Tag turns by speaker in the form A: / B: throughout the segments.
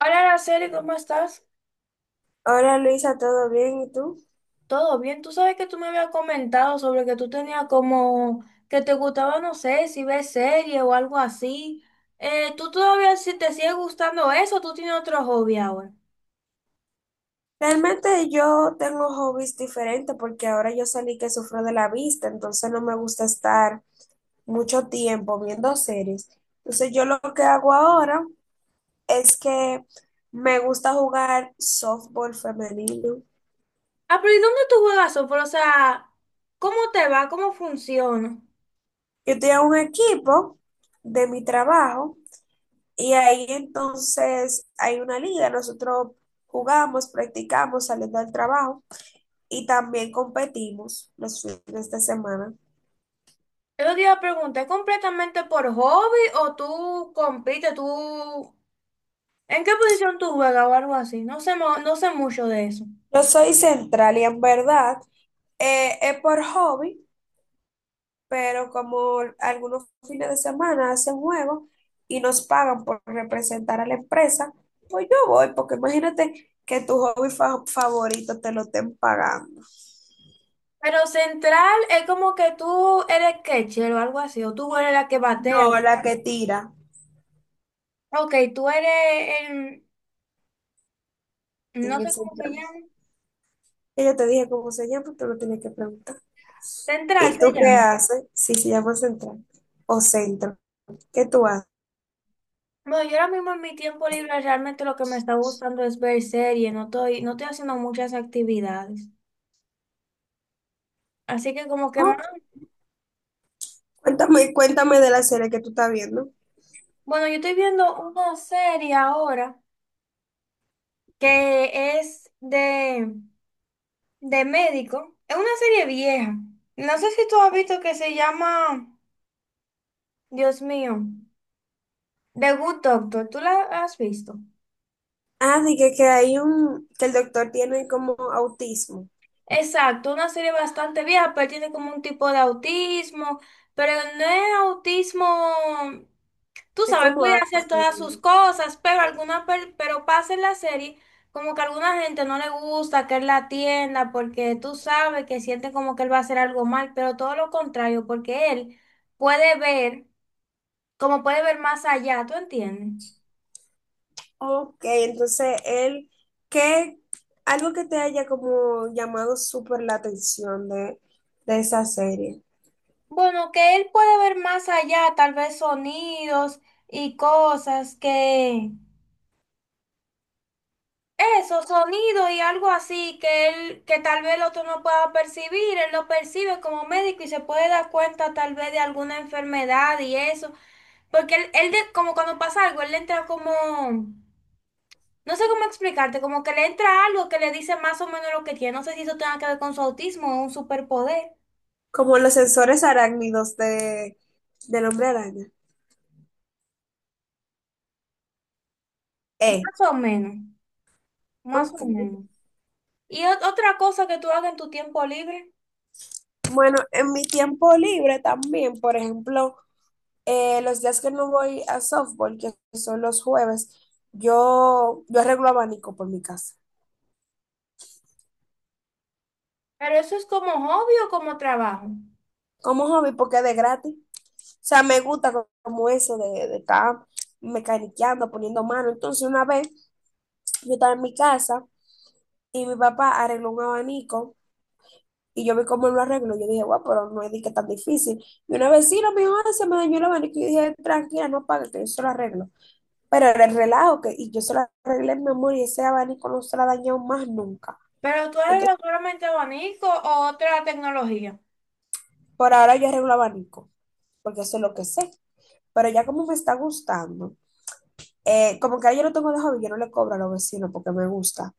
A: Hola, Araceli, ¿cómo estás?
B: Hola Luisa, ¿todo bien? ¿Y tú?
A: ¿Todo bien? Tú sabes que tú me habías comentado sobre que tú tenías como que te gustaba, no sé, si ves serie o algo así. ¿Tú todavía si te sigue gustando eso o tú tienes otro hobby ahora?
B: Realmente yo tengo hobbies diferentes porque ahora yo salí que sufro de la vista, entonces no me gusta estar mucho tiempo viendo series. Entonces yo lo que hago ahora es que me gusta jugar softball femenino.
A: Ah, pero ¿y dónde tú juegas softball? O sea, ¿cómo te va? ¿Cómo funciona?
B: Yo tengo un equipo de mi trabajo y ahí entonces hay una liga, nosotros jugamos, practicamos saliendo del trabajo y también competimos los fines de semana.
A: Yo te iba a preguntar, ¿es completamente por hobby o tú compites? ¿Tú en qué posición tú juegas o algo así? No sé, no sé mucho de eso.
B: No soy central y en verdad, es por hobby, pero como algunos fines de semana hacen juegos y nos pagan por representar a la empresa, pues yo voy, porque imagínate que tu hobby favorito te lo estén pagando.
A: Pero central es como que tú eres catcher o algo así, o tú eres la que
B: No,
A: batea.
B: la que tira
A: Ok, tú eres el, no
B: en el
A: sé cómo se
B: central.
A: llama,
B: Y yo te dije cómo se llama, tú lo tienes que preguntar.
A: central
B: ¿Y
A: se
B: tú qué
A: llama.
B: haces si se llama central o centro? ¿Qué tú haces?
A: Bueno, yo ahora mismo en mi tiempo libre realmente lo que me está gustando es ver series, no estoy haciendo muchas actividades. Así que como que más,
B: Oh, cuéntame, cuéntame de la serie que tú estás viendo.
A: bueno, yo estoy viendo una serie ahora que es de médico. Es una serie vieja. No sé si tú has visto que se llama, Dios mío. The Good Doctor, ¿tú la has visto?
B: Ah, dije que hay un, que el doctor tiene como autismo.
A: Exacto, una serie bastante vieja, pero tiene como un tipo de autismo, pero no es autismo, tú
B: Es
A: sabes,
B: como
A: puede hacer
B: Asperger.
A: todas sus cosas, pero alguna, pero pasa en la serie como que a alguna gente no le gusta que él la atienda porque tú sabes que siente como que él va a hacer algo mal, pero todo lo contrario, porque él puede ver, como puede ver más allá, ¿tú entiendes?
B: Ok, entonces él, ¿qué, algo que te haya como llamado súper la atención de esa serie?
A: Bueno, que él puede ver más allá, tal vez sonidos y cosas que eso, sonido y algo así que él, que tal vez el otro no pueda percibir, él lo percibe como médico y se puede dar cuenta tal vez de alguna enfermedad y eso, porque él como cuando pasa algo, él le entra como, no sé cómo explicarte, como que le entra algo que le dice más o menos lo que tiene, no sé si eso tenga que ver con su autismo o un superpoder,
B: Como los sensores arácnidos de, del hombre araña. Eh,
A: más o menos, más
B: ok.
A: o menos. Y otra cosa que tú hagas en tu tiempo libre.
B: Bueno, en mi tiempo libre también, por ejemplo, los días que no voy a softball, que son los jueves, yo arreglo abanico por mi casa.
A: Pero eso es como hobby o como trabajo.
B: Como hobby porque es de gratis. O sea, me gusta como eso de estar mecaniqueando, poniendo mano. Entonces, una vez yo estaba en mi casa y mi papá arregló un abanico y yo vi cómo él lo arregló. Yo dije, guau, pero no es de que tan difícil. Y una vecina me dijo, "Ah, se me dañó el abanico". Y yo dije, tranquila, no pague, que yo se lo arreglo. Pero era el relajo que, y yo se lo arreglé, mi amor, y ese abanico no se lo ha dañado más nunca.
A: Pero tú eres
B: Entonces,
A: solamente abanico o otra tecnología.
B: por ahora yo arreglo abanico, porque eso es lo que sé. Pero ya como me está gustando, como que ahora yo lo tengo de hobby, yo no le cobro a los vecinos porque me gusta.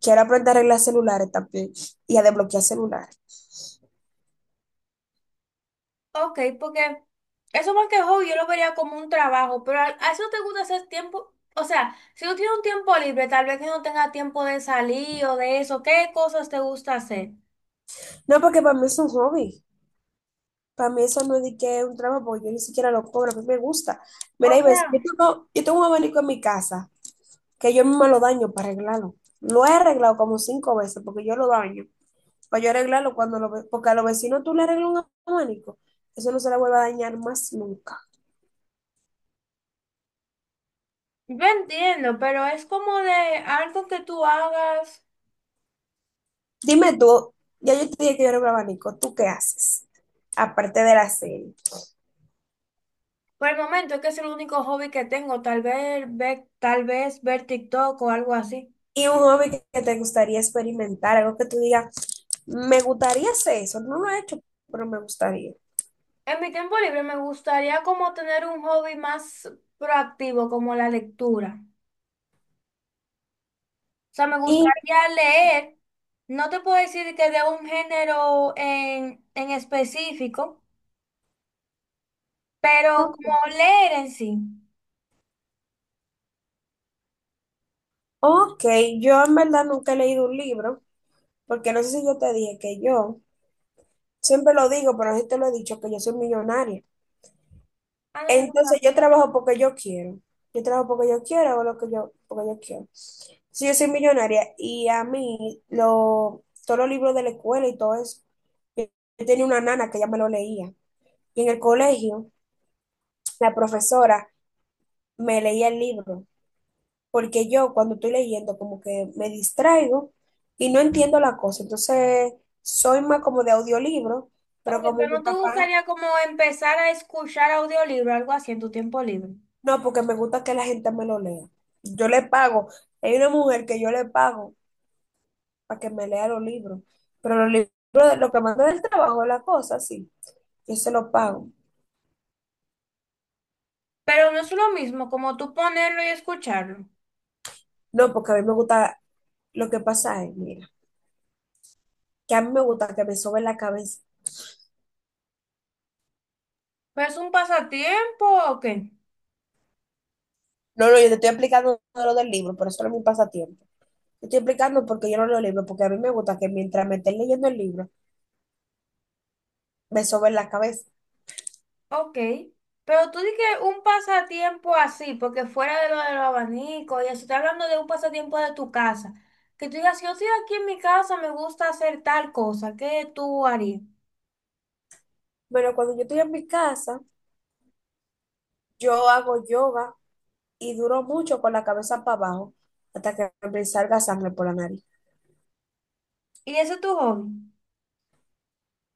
B: Quiero aprender a arreglar celulares también y a desbloquear celulares.
A: Ok, porque eso más que hobby yo lo vería como un trabajo. Pero a eso te gusta hacer tiempo. O sea, si tú tienes un tiempo libre, tal vez que no tengas tiempo de salir o de eso, ¿qué cosas te gusta hacer?
B: No, porque para mí es un hobby. Para mí eso no es de que es un trabajo porque yo ni siquiera lo cobro, a mí me gusta.
A: O
B: Mira, y ves,
A: sea,
B: yo tengo un abanico en mi casa que yo misma lo daño para arreglarlo. Lo he arreglado como cinco veces porque yo lo daño. Para yo arreglarlo cuando lo ve, porque a los vecinos tú le arreglas un abanico, eso no se le vuelve a dañar más nunca.
A: yo entiendo, pero es como de algo que tú hagas.
B: Dime tú, ya yo te dije que yo era un abanico, ¿tú qué haces? Aparte de la serie.
A: Por el momento es que es el único hobby que tengo, tal vez ver TikTok o algo así.
B: Y un hobby que te gustaría experimentar, algo que tú digas, me gustaría hacer eso, no lo he hecho, pero me gustaría.
A: En mi tiempo libre me gustaría como tener un hobby más proactivo, como la lectura. O sea, me
B: Y,
A: gustaría leer. No te puedo decir que de un género en específico, pero como leer en sí.
B: ok, yo en verdad nunca he leído un libro, porque no sé si yo te dije que yo, siempre lo digo, pero no sé si te lo he dicho, que yo soy millonaria.
A: Ah, no, yo no
B: Entonces yo
A: sabía.
B: trabajo porque yo quiero. Yo trabajo porque yo quiero, hago lo que yo, porque yo quiero. Si yo soy millonaria y a mí lo, todos los libros de la escuela y todo eso, yo yo tenía una nana que ya me lo leía. Y en el colegio, la profesora me leía el libro, porque yo cuando estoy leyendo como que me distraigo y no entiendo la cosa. Entonces soy más como de audiolibro, pero
A: Ok,
B: como
A: pero
B: mi
A: no te
B: papá...
A: gustaría como empezar a escuchar audiolibro, algo así en tu tiempo libre.
B: No, porque me gusta que la gente me lo lea. Yo le pago. Hay una mujer que yo le pago para que me lea los libros. Pero los libros, lo que manda del trabajo, la cosa, sí. Yo se lo pago.
A: Pero no es lo mismo como tú ponerlo y escucharlo.
B: No, porque a mí me gusta. Lo que pasa es, mira, que a mí me gusta que me sobe la cabeza.
A: Pero es un pasatiempo, ok.
B: No, no, yo te estoy explicando lo del libro, pero eso no es mi pasatiempo. Te estoy explicando porque yo no leo libros, porque a mí me gusta que mientras me esté leyendo el libro, me sobe la cabeza.
A: Ok. Pero tú dices un pasatiempo así, porque fuera de lo de los abanicos y eso, estoy hablando de un pasatiempo de tu casa. Que tú digas, yo estoy aquí en mi casa, me gusta hacer tal cosa, ¿qué tú harías?
B: Bueno, cuando yo estoy en mi casa, yo hago yoga y duró mucho con la cabeza para abajo hasta que me salga sangre por la nariz.
A: Y ese es tu hobby.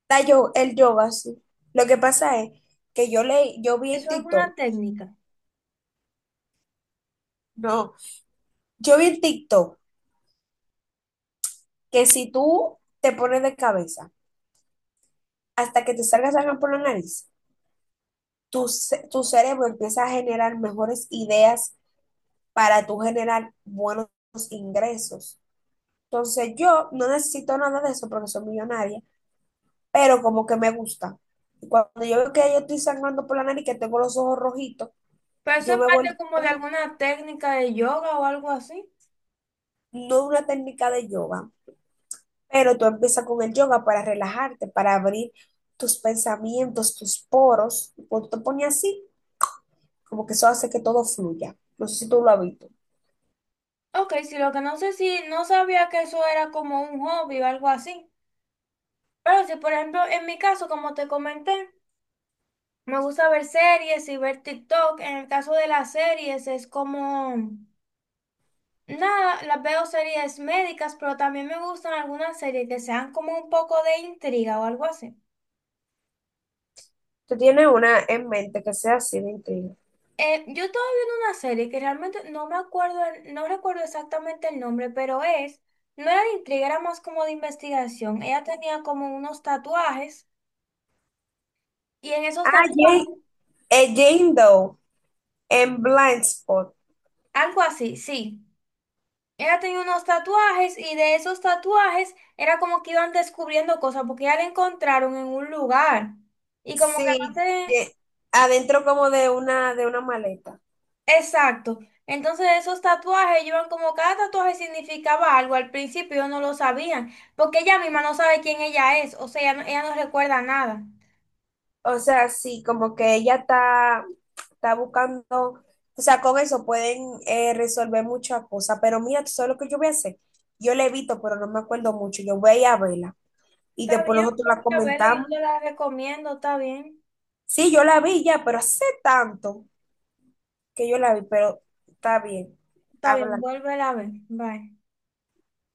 B: La yo, el yoga, sí. Lo que pasa es que yo le, yo vi en
A: Eso es alguna
B: TikTok,
A: técnica.
B: no, yo vi en TikTok que si tú te pones de cabeza hasta que te salga sangre por la nariz, tu cerebro empieza a generar mejores ideas para tú generar buenos ingresos. Entonces yo no necesito nada de eso porque soy millonaria pero como que me gusta. Y cuando yo veo que yo estoy sangrando por la nariz, que tengo los ojos rojitos,
A: Pero eso
B: yo
A: es
B: me
A: parte
B: voy,
A: como de alguna técnica de yoga o algo así.
B: no es una técnica de yoga, pero tú empiezas con el yoga para relajarte, para abrir tus pensamientos, tus poros. Y cuando te pones así, como que eso hace que todo fluya. No sé si tú lo has visto.
A: Ok, sí, lo que no sé si no sabía que eso era como un hobby o algo así. Pero si, por ejemplo, en mi caso, como te comenté, me gusta ver series y ver TikTok. En el caso de las series es como, nada, las veo series médicas, pero también me gustan algunas series que sean como un poco de intriga o algo así.
B: Tú tienes una en mente que sea así de intriga.
A: Yo estaba viendo una serie que realmente no me acuerdo, no recuerdo exactamente el nombre, pero es, no era de intriga, era más como de investigación. Ella tenía como unos tatuajes y en esos
B: Ah,
A: tatuajes,
B: Jane, Jane Doe en Blind Spot.
A: algo así, sí. Ella tenía unos tatuajes y de esos tatuajes era como que iban descubriendo cosas porque ya la encontraron en un lugar y como que no
B: Sí,
A: sé
B: ye- adentro como de una maleta.
A: exacto. Entonces esos tatuajes iban como cada tatuaje significaba algo. Al principio ellos no lo sabían porque ella misma no sabe quién ella es, o sea, ella no recuerda nada.
B: O sea, sí, como que ella está, está buscando, o sea, con eso pueden resolver muchas cosas, pero mira, tú sabes lo que yo voy a hacer. Yo la he visto pero no me acuerdo mucho. Yo voy a ir a verla y
A: Está
B: después
A: bien,
B: nosotros la
A: ponte a verla,
B: comentamos.
A: yo te la recomiendo,
B: Sí, yo la vi ya, pero hace tanto que yo la vi, pero está bien.
A: está bien,
B: Habla.
A: vuélvela a ver, bye.